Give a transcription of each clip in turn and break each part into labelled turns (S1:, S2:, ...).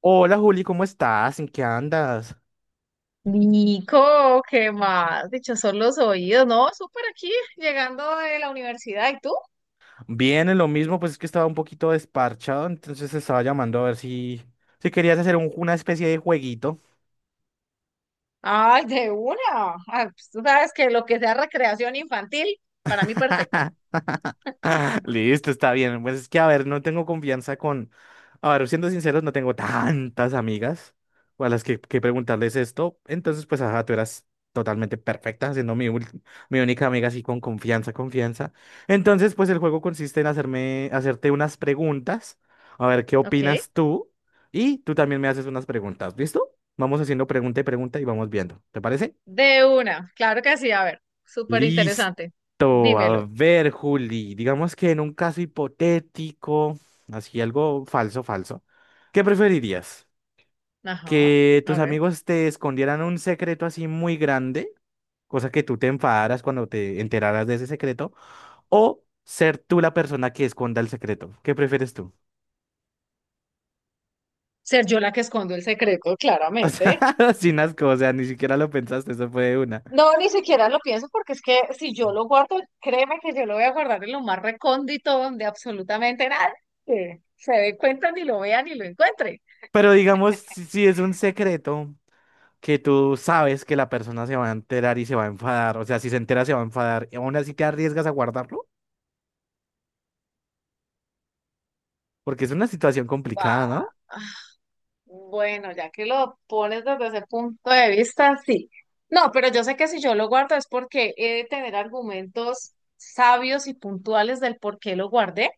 S1: Hola Juli, ¿cómo estás? ¿En qué andas?
S2: Nico, ¿qué más? Dicho son los oídos, ¿no? Súper aquí, llegando de la universidad. ¿Y tú?
S1: Bien, en lo mismo, pues es que estaba un poquito desparchado, entonces estaba llamando a ver si, si querías hacer una especie de jueguito.
S2: Ay, de una. Tú sabes que lo que sea recreación infantil, para mí perfecta.
S1: Listo, está bien. Pues es que, a ver, no tengo confianza con... A ver, siendo sinceros, no tengo tantas amigas o a las que preguntarles esto. Entonces, pues, ajá, tú eras totalmente perfecta, siendo mi única amiga así con confianza, confianza. Entonces, pues, el juego consiste en hacerte unas preguntas. A ver, ¿qué
S2: Ok.
S1: opinas tú? Y tú también me haces unas preguntas, ¿listo? Vamos haciendo pregunta y pregunta y vamos viendo. ¿Te parece?
S2: De una. Claro que sí. A ver, súper
S1: Listo.
S2: interesante. Dímelo.
S1: A ver, Juli, digamos que en un caso hipotético, así algo falso, falso, ¿qué preferirías?
S2: Ajá.
S1: ¿Que
S2: A
S1: tus
S2: ver.
S1: amigos te escondieran un secreto así muy grande, cosa que tú te enfadaras cuando te enteraras de ese secreto, o ser tú la persona que esconda el secreto? ¿Qué prefieres tú?
S2: Ser yo la que escondo el secreto,
S1: O
S2: claramente.
S1: sea, sin asco, o sea, ni siquiera lo pensaste, eso fue de una.
S2: No, ni siquiera lo pienso porque es que si yo lo guardo, créeme que yo lo voy a guardar en lo más recóndito donde absolutamente nadie se dé cuenta ni lo vea ni lo encuentre.
S1: Pero digamos, si es un secreto, que tú sabes que la persona se va a enterar y se va a enfadar. O sea, si se entera, se va a enfadar. Y aún así te arriesgas a guardarlo, porque es una situación complicada,
S2: Ah,
S1: ¿no?
S2: Bueno, ya que lo pones desde ese punto de vista, sí. No, pero yo sé que si yo lo guardo es porque he de tener argumentos sabios y puntuales del por qué lo guardé.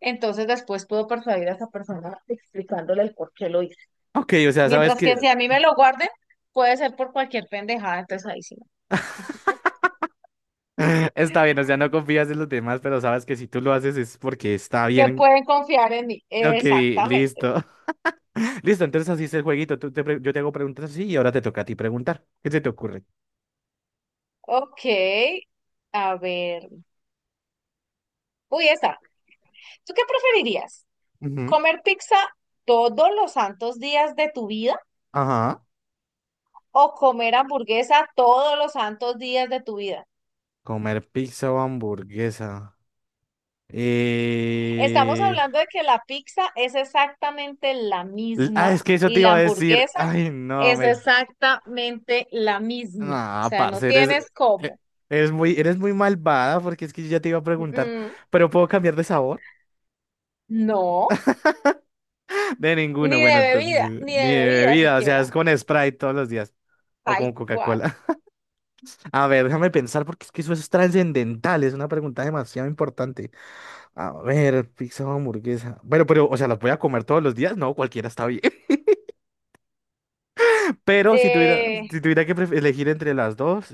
S2: Entonces después puedo persuadir a esa persona explicándole el por qué lo hice.
S1: Ok, o sea, sabes
S2: Mientras que
S1: que
S2: si a mí me lo guarden, puede ser por cualquier pendejada, entonces ahí sí.
S1: está bien, o sea, no confías en los demás, pero sabes que si tú lo haces es porque está
S2: Que
S1: bien.
S2: pueden confiar en mí.
S1: Ok,
S2: Exactamente.
S1: listo. Listo, entonces así es el jueguito. Yo te hago preguntas así y ahora te toca a ti preguntar. ¿Qué se te ocurre?
S2: Ok, a ver. Uy, esta. ¿Tú qué preferirías?
S1: Ujú.
S2: ¿Comer pizza todos los santos días de tu vida
S1: Ajá.
S2: o comer hamburguesa todos los santos días de tu vida?
S1: Comer pizza o hamburguesa.
S2: Estamos
S1: Eh...
S2: hablando de que la pizza es exactamente la
S1: Ah,
S2: misma
S1: es que eso
S2: y
S1: te
S2: la
S1: iba a decir.
S2: hamburguesa
S1: Ay, no,
S2: es
S1: me...
S2: exactamente la misma. O
S1: Ah,
S2: sea, no
S1: parce,
S2: tienes
S1: e-
S2: cómo.
S1: eres muy malvada porque es que yo ya te iba a preguntar,
S2: Mm,
S1: ¿pero puedo cambiar de sabor?
S2: no,
S1: De ninguno, bueno, entonces,
S2: ni
S1: mi
S2: de bebida
S1: bebida, o sea, es
S2: siquiera.
S1: con Sprite todos los días, o
S2: Tal
S1: con
S2: cual.
S1: Coca-Cola. A ver, déjame pensar porque es que eso es trascendental, es una pregunta demasiado importante. A ver, pizza o hamburguesa. Bueno, pero, o sea, ¿las voy a comer todos los días? No, cualquiera está bien. Pero si tuviera,
S2: Eh,
S1: si tuviera que elegir entre las dos,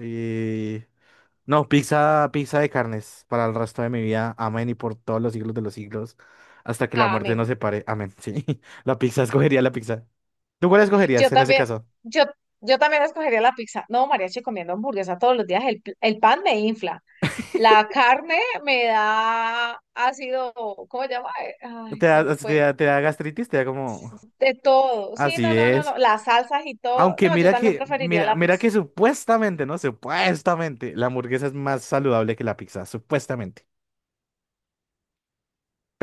S1: no, pizza, pizza de carnes para el resto de mi vida. Amén y por todos los siglos de los siglos. Hasta que la muerte
S2: amén.
S1: nos separe. Amén. Sí. La pizza, escogería la pizza. ¿Tú cuál escogerías
S2: Yo
S1: en ese
S2: también,
S1: caso?
S2: yo, yo también escogería la pizza. No, mariachi comiendo hamburguesa todos los días. El pan me infla. La carne me da ácido, ¿cómo se llama? Ay,
S1: ¿Te
S2: se me
S1: da, te
S2: fue.
S1: da, te da gastritis? ¿Te da como
S2: De todo. Sí, no, no, no,
S1: acidez?
S2: no. Las salsas y todo.
S1: Aunque
S2: No, yo
S1: mira
S2: también
S1: que,
S2: preferiría
S1: mira,
S2: la
S1: mira
S2: pizza.
S1: que supuestamente, ¿no? Supuestamente, la hamburguesa es más saludable que la pizza, supuestamente,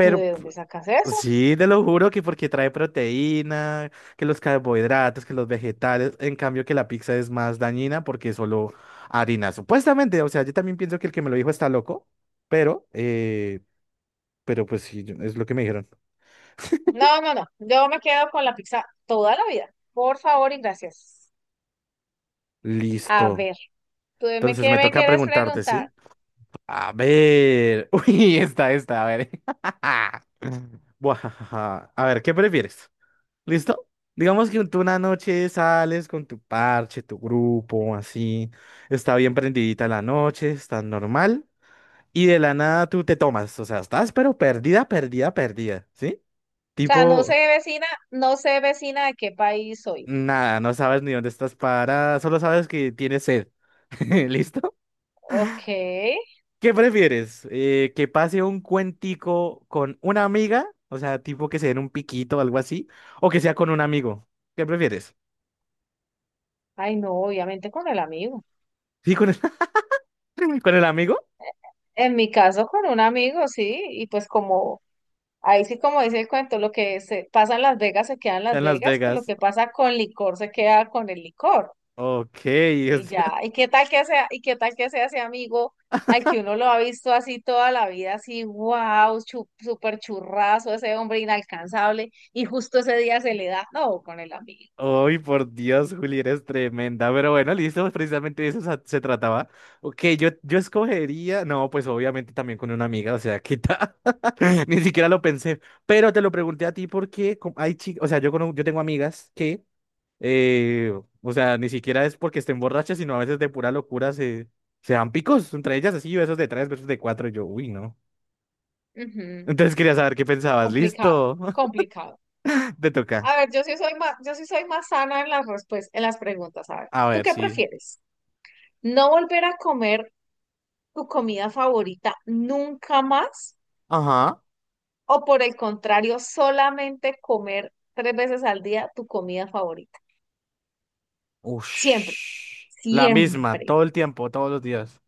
S2: ¿Tú de dónde sacas eso?
S1: sí, te lo juro que porque trae proteína, que los carbohidratos, que los vegetales, en cambio que la pizza es más dañina porque es solo harina, supuestamente, o sea, yo también pienso que el que me lo dijo está loco, pero, eh, pero pues sí, es lo que me dijeron.
S2: No, no, no. Yo me quedo con la pizza toda la vida. Por favor y gracias. A
S1: Listo.
S2: ver,
S1: Entonces
S2: ¿qué
S1: me
S2: me
S1: toca
S2: quieres
S1: preguntarte,
S2: preguntar?
S1: ¿sí? A ver, uy, esta, a ver. Buah, a ver, ¿qué prefieres? ¿Listo? Digamos que tú una noche sales con tu parche, tu grupo, así. Está bien prendidita la noche, está normal. Y de la nada tú te tomas. O sea, estás pero perdida, perdida, perdida. ¿Sí?
S2: Sea, no sé
S1: Tipo,
S2: vecina, no sé vecina de qué país soy.
S1: nada, no sabes ni dónde estás parada, solo sabes que tienes sed. ¿Listo?
S2: Ok.
S1: ¿Qué prefieres? ¿Que pase un cuentico con una amiga? O sea, tipo que se den un piquito o algo así. ¿O que sea con un amigo? ¿Qué prefieres?
S2: Ay, no, obviamente con el amigo.
S1: ¿Sí, con el, con el amigo?
S2: En mi caso, con un amigo, sí. Ahí sí como dice el cuento, lo que se pasa en Las Vegas se queda en
S1: Ya
S2: Las
S1: en Las
S2: Vegas, pues lo
S1: Vegas.
S2: que pasa con licor se queda con el licor.
S1: Ok, o
S2: Y ya,
S1: sea,
S2: ¿y qué tal que sea ese amigo al que uno lo ha visto así toda la vida, así, wow, súper churrazo, ese hombre inalcanzable, y justo ese día se le da, no, con el amigo.
S1: ay, por Dios, Juli, eres tremenda. Pero bueno, listo, pues precisamente de eso se trataba. Ok, yo escogería, no, pues obviamente también con una amiga, o sea, quita. Ni siquiera lo pensé. Pero te lo pregunté a ti porque hay chicas, o sea, yo tengo amigas que, eh, o sea, ni siquiera es porque estén borrachas, sino a veces de pura locura se dan picos entre ellas, así, besos de tres, besos de cuatro. Y yo, uy, no.
S2: Ujú.
S1: Entonces quería saber qué pensabas.
S2: Complicado,
S1: Listo,
S2: complicado.
S1: te toca.
S2: A ver, yo sí soy más sana en las respuestas, en las preguntas. A ver,
S1: A
S2: ¿tú
S1: ver,
S2: qué
S1: sí.
S2: prefieres? ¿No volver a comer tu comida favorita nunca más?
S1: Ajá.
S2: ¿O por el contrario, solamente comer tres veces al día tu comida favorita? Siempre,
S1: Ush. La misma,
S2: siempre.
S1: todo el tiempo, todos los días.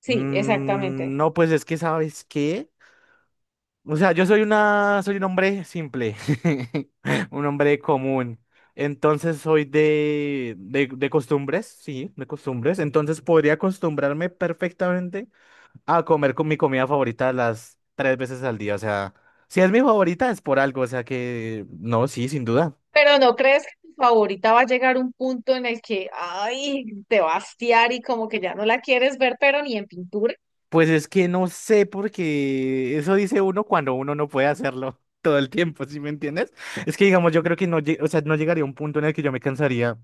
S2: Sí, exactamente.
S1: Mm, no, pues es que, ¿sabes qué? O sea, yo soy un hombre simple, un hombre común. Entonces soy de costumbres, sí, de costumbres. Entonces podría acostumbrarme perfectamente a comer con mi comida favorita las tres veces al día. O sea, si es mi favorita es por algo. O sea que, no, sí, sin duda.
S2: Pero ¿no crees que tu favorita va a llegar un punto en el que, ay, te va a hastiar y como que ya no la quieres ver, pero ni en pintura?
S1: Pues es que no sé, porque eso dice uno cuando uno no puede hacerlo todo el tiempo, ¿sí me entiendes? Es que, digamos, yo creo que no, o sea, no llegaría a un punto en el que yo me cansaría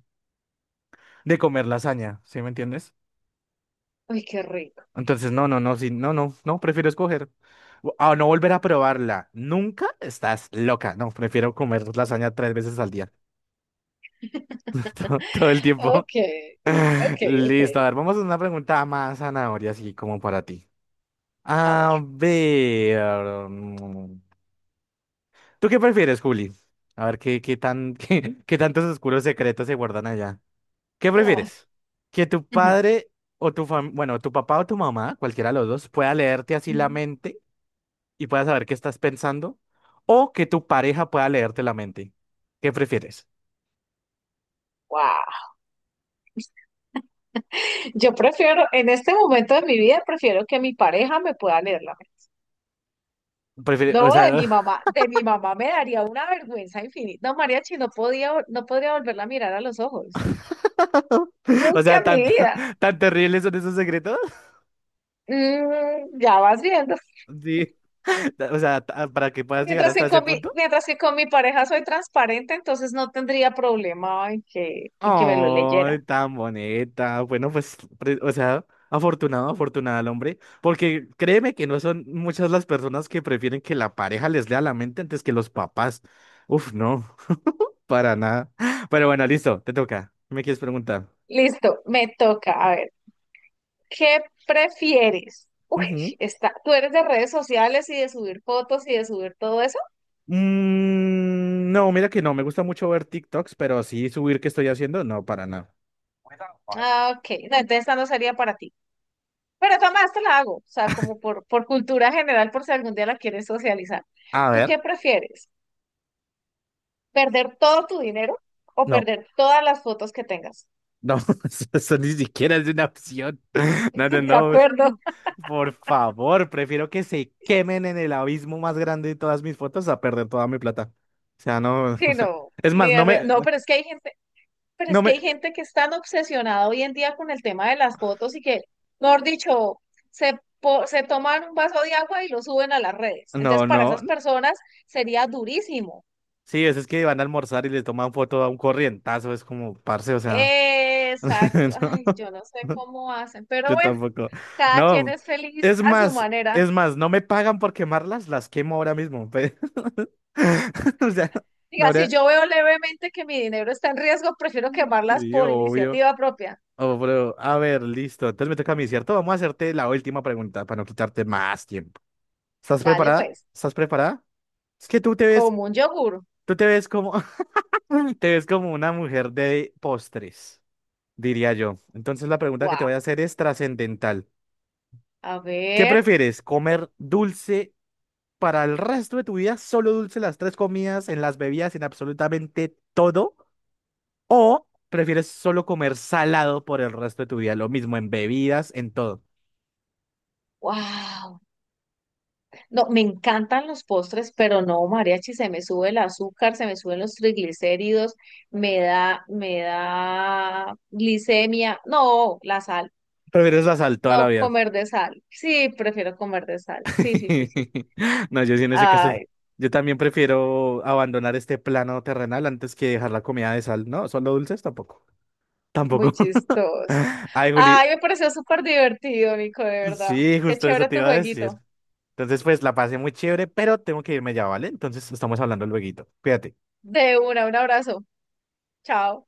S1: de comer lasaña, ¿sí me entiendes?
S2: Ay, qué rico.
S1: Entonces, no, no, no, sí, no, no, no, prefiero escoger, a no volver a probarla. Nunca estás loca. No, prefiero comer lasaña tres veces al día. Todo, todo el tiempo.
S2: Ok, ok, ok.
S1: Listo, a ver, vamos a una pregunta más zanahoria, así como para ti.
S2: A ver.
S1: A ver. mm, ¿Tú qué prefieres, Juli? A ver, qué tantos oscuros secretos se guardan allá? ¿Qué
S2: Ah,
S1: prefieres? ¿Que tu
S2: ujú,
S1: padre bueno, tu papá o tu mamá, cualquiera de los dos, pueda leerte así la
S2: ujú.
S1: mente y pueda saber qué estás pensando? ¿O que tu pareja pueda leerte la mente? ¿Qué prefieres?
S2: Guau. Yo prefiero, en este momento de mi vida, prefiero que mi pareja me pueda leer la mente. No,
S1: O sea,
S2: de mi mamá me daría una vergüenza infinita. No, Mariachi, no podría volverla a mirar a los ojos.
S1: o
S2: Nunca
S1: sea,
S2: en mi
S1: tan, tan,
S2: vida.
S1: tan terribles son esos secretos.
S2: Mm, ya vas viendo.
S1: Sí. O sea, para que puedas llegar hasta ese punto.
S2: Mientras que con mi pareja soy transparente, entonces no tendría problema en que me lo
S1: Oh,
S2: leyera.
S1: tan bonita. Bueno, pues, o sea, afortunada el hombre, porque créeme que no son muchas las personas que prefieren que la pareja les lea la mente antes que los papás. Uf, no, para nada. Pero bueno, listo, te toca. ¿Me quieres preguntar?
S2: Listo, me toca. A ver. ¿Qué prefieres? Uy,
S1: Ujú.
S2: está, ¿tú eres de redes sociales y de subir fotos y de subir todo eso?
S1: Mm, no, mira que no, me gusta mucho ver TikToks, pero sí subir qué estoy haciendo, no, para nada.
S2: Ah, ok. No, entonces esta no sería para ti. Pero Tomás, te la hago. O sea, por cultura general, por si algún día la quieres socializar.
S1: A
S2: ¿Tú
S1: ver,
S2: qué prefieres? ¿Perder todo tu dinero o
S1: no,
S2: perder todas las fotos que tengas?
S1: no, eso ni siquiera es una opción. No, no,
S2: ¿De
S1: no.
S2: acuerdo?
S1: Por favor, prefiero que se quemen en el abismo más grande de todas mis fotos a perder toda mi plata. O sea, no, o
S2: Sí,
S1: sea,
S2: no.
S1: es
S2: Ni
S1: más,
S2: de
S1: no
S2: re-
S1: me,
S2: No, pero es que hay gente. Pero es
S1: no
S2: que
S1: me,
S2: hay gente que es tan obsesionada hoy en día con el tema de las fotos y que, mejor dicho, se toman un vaso de agua y lo suben a las redes.
S1: no,
S2: Entonces, para
S1: no.
S2: esas personas sería durísimo.
S1: Sí, es que van a almorzar y le toman foto a un corrientazo, es como, parce, o sea.
S2: Exacto. Ay,
S1: No,
S2: yo no sé cómo hacen, pero
S1: yo
S2: bueno,
S1: tampoco.
S2: cada quien
S1: No,
S2: es feliz
S1: es
S2: a su
S1: más,
S2: manera.
S1: es más, no me pagan por quemarlas, las quemo ahora mismo. O sea, no,
S2: Diga, si yo veo levemente que mi dinero está en riesgo, prefiero quemarlas
S1: sí,
S2: por
S1: obvio.
S2: iniciativa propia.
S1: Oh, bro. A ver, listo. Entonces me toca a mí, ¿cierto? Vamos a hacerte la última pregunta para no quitarte más tiempo. ¿Estás
S2: Dale,
S1: preparada?
S2: pues,
S1: ¿Estás preparada? Es que tú te ves,
S2: como un yogur.
S1: tú te ves como, te ves como una mujer de postres, diría yo. Entonces la pregunta que te
S2: Guau.
S1: voy a hacer es trascendental.
S2: A
S1: ¿Qué
S2: ver.
S1: prefieres? ¿Comer dulce para el resto de tu vida? ¿Solo dulce las tres comidas, en las bebidas, en absolutamente todo? ¿O prefieres solo comer salado por el resto de tu vida? Lo mismo en bebidas, en todo.
S2: Wow. No, me encantan los postres, pero no, mariachi, se me sube el azúcar, se me suben los triglicéridos, me da glicemia. No, la sal,
S1: ¿Prefieres la sal toda la
S2: no,
S1: vida?
S2: comer de sal. Sí, prefiero comer de sal. Sí, sí, sí, sí.
S1: No, yo sí en ese caso,
S2: Ay,
S1: yo también prefiero abandonar este plano terrenal antes que dejar la comida de sal. No, solo dulces tampoco.
S2: muy
S1: Tampoco.
S2: chistoso.
S1: Ay, Juli,
S2: Ay, me pareció súper divertido, Nico, de verdad.
S1: sí,
S2: Qué
S1: justo eso
S2: chévere
S1: te
S2: tu
S1: iba a decir.
S2: jueguito.
S1: Entonces, pues la pasé muy chévere, pero tengo que irme ya, ¿vale? Entonces, estamos hablando lueguito. Cuídate.
S2: De una, un abrazo. Chao.